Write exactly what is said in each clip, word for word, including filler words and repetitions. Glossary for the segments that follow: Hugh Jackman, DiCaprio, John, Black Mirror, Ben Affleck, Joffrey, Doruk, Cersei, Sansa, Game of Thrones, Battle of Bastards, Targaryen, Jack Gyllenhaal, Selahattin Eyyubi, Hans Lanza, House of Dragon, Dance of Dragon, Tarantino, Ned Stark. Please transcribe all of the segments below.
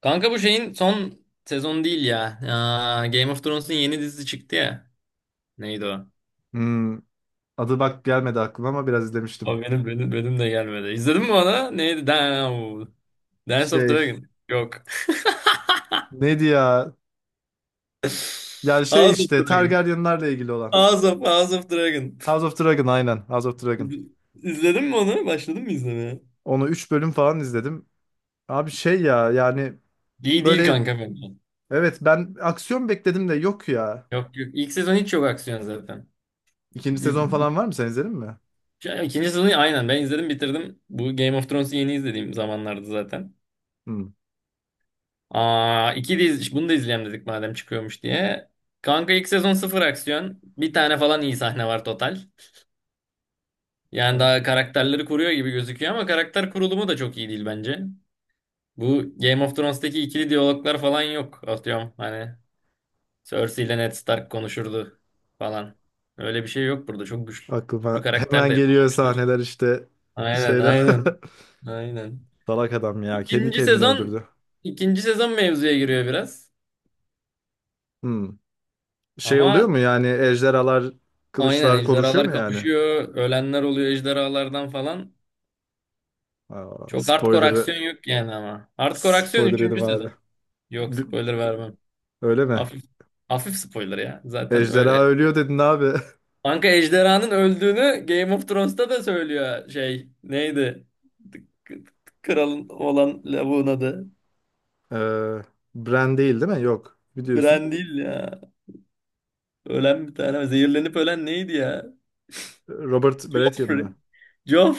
Kanka bu şeyin son sezon değil ya. Aa, Game of Thrones'un yeni dizisi çıktı ya. Neydi o? Hmm, adı bak gelmedi aklıma ama biraz izlemiştim. O benim benim benim de gelmedi. İzledin mi onu? Neydi? Damn. Dance of Şey Dragon. Yok. neydi ya? Yani şey House of işte Dragon. Targaryenlarla ilgili olan. House of, House of Dragon. House of Dragon, aynen House of Dragon. İz- İzledin mi onu? Başladın mı izlemeye? Onu üç bölüm falan izledim. Abi şey ya yani İyi değil böyle, kanka bence. evet ben aksiyon bekledim de yok ya. Yok yok. İlk sezon hiç yok aksiyon zaten. İkinci Di- sezon falan var mı, sen izledin mi? Ya, İkinci sezonu aynen ben izledim bitirdim. Bu Game of Thrones'u yeni izlediğim zamanlarda zaten. Hmm. Aa, iki de iz- bunu da izleyelim dedik madem çıkıyormuş diye. Kanka ilk sezon sıfır aksiyon. Bir tane falan iyi sahne var total. Yani Aynen. daha karakterleri kuruyor gibi gözüküyor ama karakter kurulumu da çok iyi değil bence. Bu Game of Thrones'taki ikili diyaloglar falan yok. Atıyorum hani Cersei ile Ned Stark konuşurdu falan. Öyle bir şey yok burada. Çok güçlü Aklıma karakter de hemen geliyor yapamamışlar. sahneler işte, Aynen, şeyler. aynen. Aynen. Salak adam ya, kendi İkinci kendini sezon öldürdü. ikinci sezon mevzuya giriyor biraz. Hmm. Şey oluyor Ama mu yani, ejderhalar aynen kılıçlar konuşuyor ejderhalar mu yani? kapışıyor. Ölenler oluyor ejderhalardan falan. Aa, Çok hardcore spoiler'ı aksiyon yok yani ama. Hardcore aksiyon spoiler üçüncü yedim abi. sezon. Yok, Bi- spoiler vermem. Öyle mi? Hafif hafif spoiler ya. Zaten öyle. Ejderha ölüyor dedin abi. Kanka ejderhanın öldüğünü Game of Thrones'ta da söylüyor şey. Neydi? K- Kralın olan lavuğun adı. Ee, Bran değil, değil mi? Yok. Biliyorsun. Bran değil ya. Ölen bir tane. Zehirlenip ölen neydi ya? Robert Baratheon Joffrey. mı?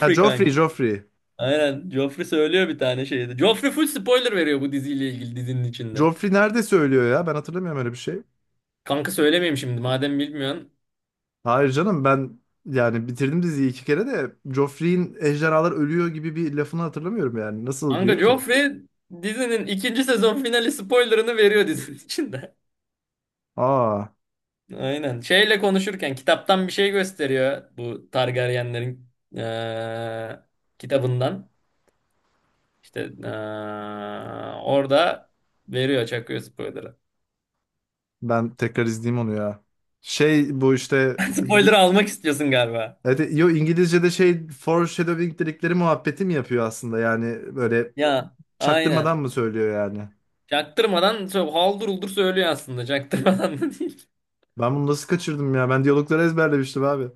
Ha, Joffrey, kanka. Joffrey. Aynen. Joffrey söylüyor bir tane şeyde. Joffrey full spoiler veriyor bu diziyle ilgili, dizinin içinde. Joffrey nerede söylüyor ya? Ben hatırlamıyorum öyle bir şey. Kanka söylemeyeyim şimdi madem bilmiyorsun. Hayır canım, ben yani bitirdim diziyi iki kere de Joffrey'in ejderhalar ölüyor gibi bir lafını hatırlamıyorum yani. Nasıl Kanka diyor ki? Joffrey dizinin ikinci sezon finali spoilerını veriyor dizinin içinde. Aa, Aynen. Şeyle konuşurken kitaptan bir şey gösteriyor, bu Targaryenlerin eee, kitabından. İşte eee, orada veriyor, çakıyor spoiler'ı. ben tekrar izleyeyim onu ya. Şey bu işte. İngi- Spoiler'ı almak istiyorsun galiba. Evet, yo İngilizce'de şey foreshadowing dedikleri muhabbeti mi yapıyor aslında, yani böyle Ya çaktırmadan aynen. mı söylüyor yani? Çaktırmadan sö- haldır uldur söylüyor aslında. Çaktırmadan da değil. Ben bunu nasıl kaçırdım ya? Ben diyalogları ezberlemiştim abi.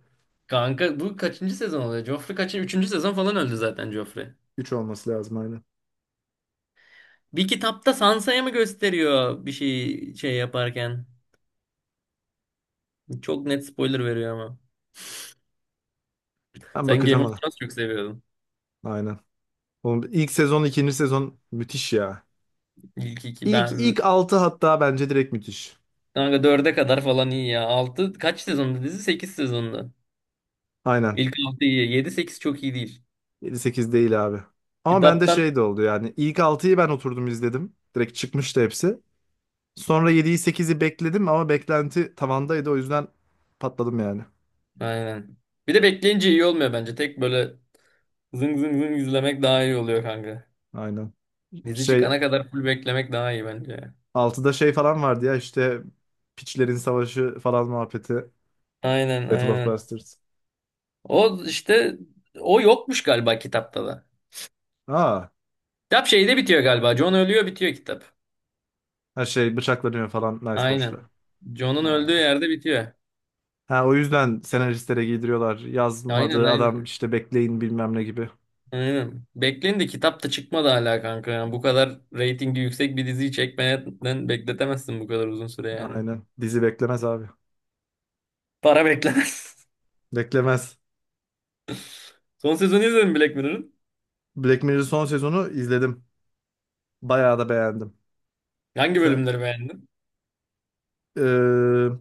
Kanka bu kaçıncı sezon oluyor? Joffrey kaçıncı? Üçüncü sezon falan öldü zaten Joffrey. Üç olması lazım, aynen. Bir kitapta Sansa'ya mı gösteriyor, bir şey şey yaparken? Çok net spoiler veriyor ama. Ben Sen Game bakacağım of ona. Thrones çok seviyordun. Aynen. Oğlum, ilk sezon, ikinci sezon müthiş ya. İlk iki İlk ben ilk altı hatta bence direkt müthiş. kanka dörde kadar falan iyi ya. Altı kaç sezonda dizi? Sekiz sezonda. Aynen. İlk altı iyi. Yedi sekiz çok iyi değil. Yedi sekiz değil abi. Ama bende Kitaptan şey de oldu yani. İlk altıyı ben oturdum izledim. Direkt çıkmıştı hepsi. Sonra yediyi sekizi bekledim ama beklenti tavandaydı, o yüzden patladım yani. aynen. Bir de bekleyince iyi olmuyor bence. Tek böyle zıng zıng zıng izlemek daha iyi oluyor kanka. Aynen. Dizi Şey çıkana kadar full beklemek daha iyi bence. altıda şey falan vardı ya işte, Piçlerin Savaşı falan muhabbeti. Aynen, Battle of aynen. Bastards. O işte, o yokmuş galiba kitapta da. Aa, Kitap şeyde bitiyor galiba. John ölüyor, bitiyor kitap. ha şey bıçaklanıyor falan Nice Forge'da. Aynen. John'un Ha. öldüğü yerde bitiyor. Ha, o yüzden senaristlere giydiriyorlar. Aynen, Yazmadığı adam aynen. işte, bekleyin bilmem ne gibi. Aynen. Bekleyin de kitap da çıkmadı hala kanka. Yani bu kadar reytingi yüksek bir diziyi çekmeden bekletemezsin bu kadar uzun süre yani. Aynen. Dizi beklemez abi. Para beklemez. Beklemez. Son sezonu izledin mi Black Mirror'ın? Black Mirror son sezonu izledim. Bayağı da beğendim. Hangi Sen, bölümleri beğendin? Ee,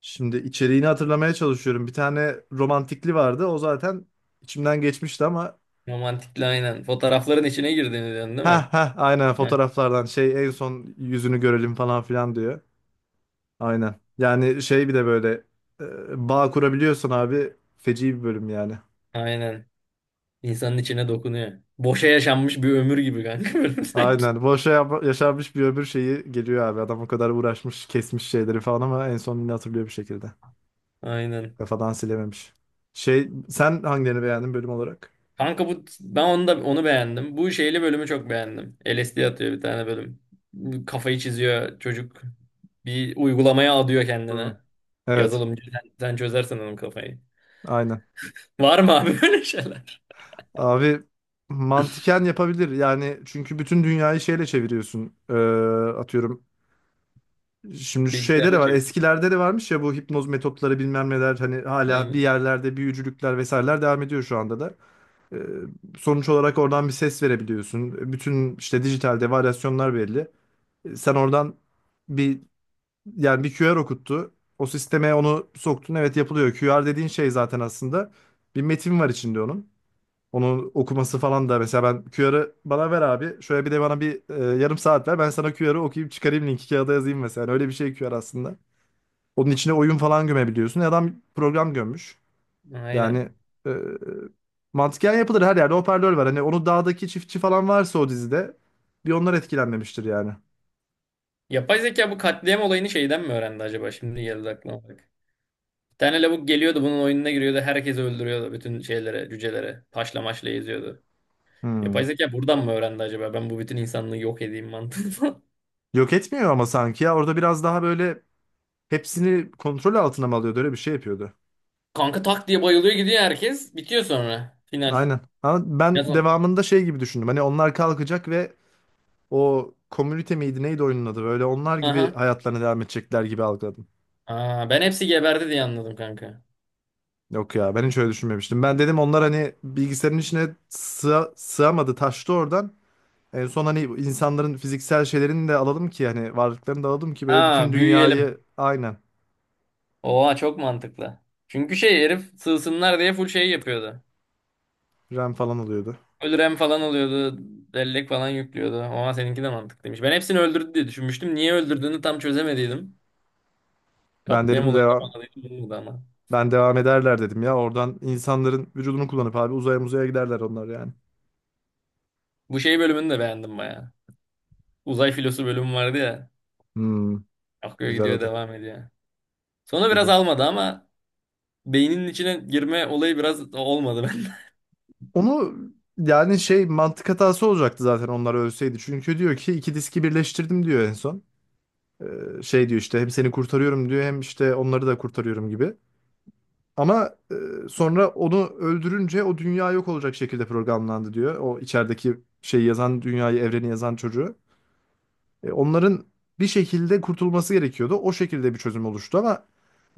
Şimdi içeriğini hatırlamaya çalışıyorum. Bir tane romantikli vardı. O zaten içimden geçmişti ama. Romantikli aynen. Fotoğrafların içine girdiğini diyorsun değil Ha mi? ha, aynen, Ha, fotoğraflardan şey en son yüzünü görelim falan filan diyor. Aynen. Yani şey bir de böyle e, bağ kurabiliyorsun abi. Feci bir bölüm yani. aynen. İnsanın içine dokunuyor. Boşa yaşanmış bir ömür gibi kanka bölüm sanki. Aynen. Boşa yap- yaşanmış bir ömür şeyi geliyor abi. Adam o kadar uğraşmış, kesmiş şeyleri falan ama en son yine hatırlıyor bir şekilde. Aynen. Kafadan silememiş. Şey, sen hangilerini beğendin bölüm olarak? Kanka bu ben, onu da onu beğendim. Bu şeyli bölümü çok beğendim. L S D atıyor bir tane bölüm. Kafayı çiziyor çocuk. Bir uygulamaya adıyor Hı. kendine. Evet. Yazılımcı sen, sen çözersen onun kafayı. Aynen. Var mı abi böyle şeyler? Abi mantıken yapabilir. Yani çünkü bütün dünyayı şeyle çeviriyorsun. Ee, atıyorum, şimdi şu şeyde de Bilgisayarla var. çeviriyor. Eskilerde de varmış ya bu hipnoz metotları bilmem neler, hani hala bir Aynen. yerlerde büyücülükler vesaireler devam ediyor şu anda da. Ee, Sonuç olarak oradan bir ses verebiliyorsun. Bütün işte dijitalde varyasyonlar belli. Ee, Sen oradan bir yani bir Q R okuttu. O sisteme onu soktun. Evet, yapılıyor. Q R dediğin şey zaten aslında bir metin var içinde onun. Onun okuması falan da mesela, ben Q R'ı bana ver abi. Şöyle bir de bana bir e, yarım saat ver. Ben sana Q R'ı okuyup çıkarayım, linki kağıda yazayım mesela. Yani öyle bir şey Q R aslında. Onun içine oyun falan gömebiliyorsun. Adam program gömmüş. Aynen. Yani e, mantıken yapılır, her yerde hoparlör var. Hani onu dağdaki çiftçi falan varsa o dizide bir onlar etkilenmemiştir yani. Yapay zeka bu katliam olayını şeyden mi öğrendi acaba? Şimdi geldi aklıma bak. Bir tane lavuk geliyordu, bunun oyununa giriyordu. Herkesi öldürüyordu, bütün şeylere, cücelere. Taşla maşla eziyordu. Hmm. Yapay zeka buradan mı öğrendi acaba? Ben bu bütün insanlığı yok edeyim mantığını. Yok etmiyor ama sanki ya, orada biraz daha böyle hepsini kontrol altına mı alıyordu, öyle bir şey yapıyordu. Kanka tak diye bayılıyor gidiyor herkes. Bitiyor sonra. Final. Aynen. Ama Ya ben son... devamında şey gibi düşündüm. Hani onlar kalkacak ve o komünite miydi neydi oyunun adı, böyle onlar gibi Aha. hayatlarına devam edecekler gibi algıladım. Aa, ben hepsi geberdi diye anladım kanka. Yok ya, ben hiç öyle düşünmemiştim. Ben dedim onlar hani bilgisayarın içine sığ- sığamadı, taştı oradan. En son hani insanların fiziksel şeylerini de alalım ki hani varlıklarını da alalım ki böyle bütün Ha, büyüyelim. dünyayı, aynen, Oha çok mantıklı. Çünkü şey, herif sığsınlar diye full şey yapıyordu. RAM falan alıyordu. Full RAM falan alıyordu. Bellek falan yüklüyordu. Oha, seninki de mantıklıymış. Ben hepsini öldürdü diye düşünmüştüm. Niye öldürdüğünü tam çözemediydim. Ben Katliam dedim olayına devam bağladığım bu oldu ama. Ben devam ederler dedim ya, oradan insanların vücudunu kullanıp abi uzaya muzaya giderler onlar yani. Bu şey bölümünü de beğendim baya. Uzay filosu bölümü vardı ya. Hmm, Akıyor güzel gidiyor, adı. devam ediyor. Sonra biraz Güzel. almadı ama, beyninin içine girme olayı biraz olmadı ben. Onu yani şey mantık hatası olacaktı zaten onlar ölseydi. Çünkü diyor ki iki diski birleştirdim diyor en son. Ee, şey diyor işte hem seni kurtarıyorum diyor hem işte onları da kurtarıyorum gibi. Ama e, sonra onu öldürünce o dünya yok olacak şekilde programlandı diyor. O içerideki şeyi yazan, dünyayı evreni yazan çocuğu. E, onların bir şekilde kurtulması gerekiyordu. O şekilde bir çözüm oluştu ama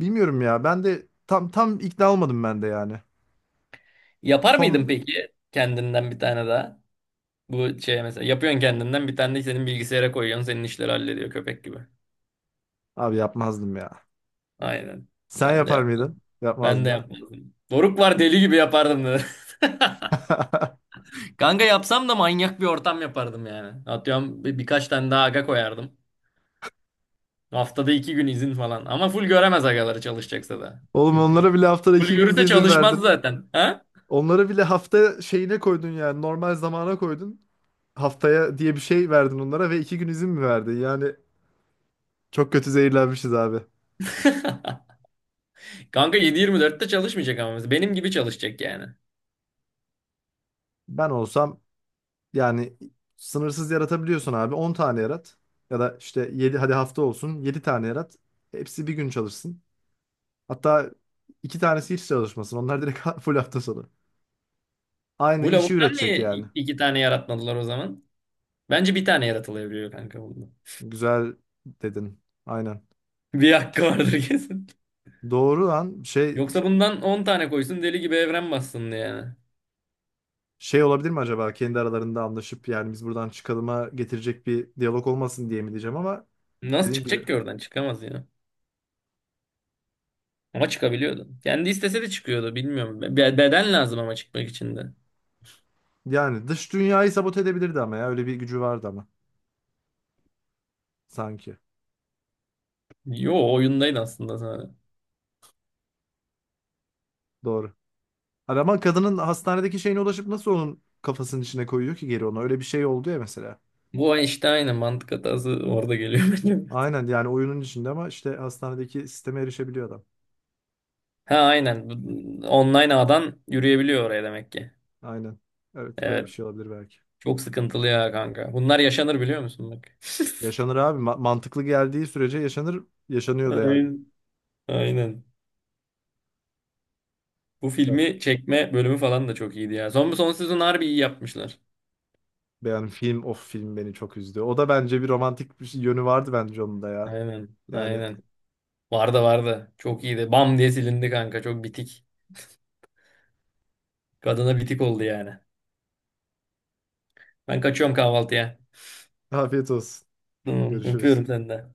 bilmiyorum ya, ben de tam tam ikna olmadım ben de yani. Yapar mıydın Son peki kendinden bir tane daha? Bu şey, mesela yapıyorsun kendinden bir tane de senin bilgisayara koyuyorsun, senin işleri hallediyor köpek gibi. Abi yapmazdım ya. Aynen. Sen Ben de yapar mıydın? yapmadım. Ben de Yapmazdın. yapmadım. Doruk var, deli gibi yapardım dedi. Kanka yapsam da manyak bir ortam yapardım yani. Atıyorum bir, birkaç tane daha aga koyardım. Haftada iki gün izin falan. Ama full göremez agaları, çalışacaksa da. Oğlum, Çünkü. onlara bile haftada Full iki gün bir görürse izin çalışmaz verdin. zaten. Ha? Onlara bile hafta şeyine koydun yani, normal zamana koydun. Haftaya diye bir şey verdin onlara ve iki gün izin mi verdin? Yani çok kötü zehirlenmişiz abi. Kanka yedi yirmi dörtte çalışmayacak ama, mesela. Benim gibi çalışacak yani. Ben olsam yani sınırsız yaratabiliyorsun abi, on tane yarat. Ya da işte yedi, hadi hafta olsun, yedi tane yarat. Hepsi bir gün çalışsın. Hatta iki tanesi hiç çalışmasın. Onlar direkt full hafta sonu. Aynı Bu işi lavuktan üretecek niye yani. i- iki tane yaratmadılar o zaman? Bence bir tane yaratılabiliyor kanka bunda. Güzel dedin. Aynen. Bir hakkı vardır kesin. Doğru lan şey. Yoksa bundan on tane koysun, deli gibi evren bassın yani. Şey olabilir mi acaba, kendi aralarında anlaşıp yani biz buradan çıkalıma getirecek bir diyalog olmasın diye mi diyeceğim ama Nasıl dediğin gibi çıkacak ki oradan? Çıkamaz ya. Ama çıkabiliyordu. Kendi istese de çıkıyordu. Bilmiyorum. Be- Beden lazım ama çıkmak için de. yani dış dünyayı sabote edebilirdi ama ya, öyle bir gücü vardı ama sanki. Yo, oyundaydı aslında sadece. Doğru. Hani ama kadının hastanedeki şeyine ulaşıp nasıl onun kafasının içine koyuyor ki geri onu, öyle bir şey oldu ya mesela. Bu işte aynen mantık hatası orada geliyor bence. Aynen yani oyunun içinde ama işte hastanedeki sisteme erişebiliyor adam. Ha aynen. Bu- Online ağdan yürüyebiliyor oraya demek ki. Aynen. Evet öyle bir Evet. şey olabilir belki. Çok sıkıntılı ya kanka. Bunlar yaşanır biliyor musun bak. Yaşanır abi, Ma- mantıklı geldiği sürece yaşanır, yaşanıyor da yani. Aynen. Aynen. Bu filmi çekme bölümü falan da çok iyiydi ya. Son, son sezon harbi iyi yapmışlar. Yani film of film beni çok üzdü. O da bence bir romantik bir şey- yönü vardı bence onun da ya. Aynen. Yani Aynen. Vardı, vardı. Çok iyiydi. Bam diye silindi kanka. Çok bitik. Kadına bitik oldu yani. Ben kaçıyorum kahvaltıya. afiyet olsun. Tamam. Görüşürüz. Öpüyorum senden.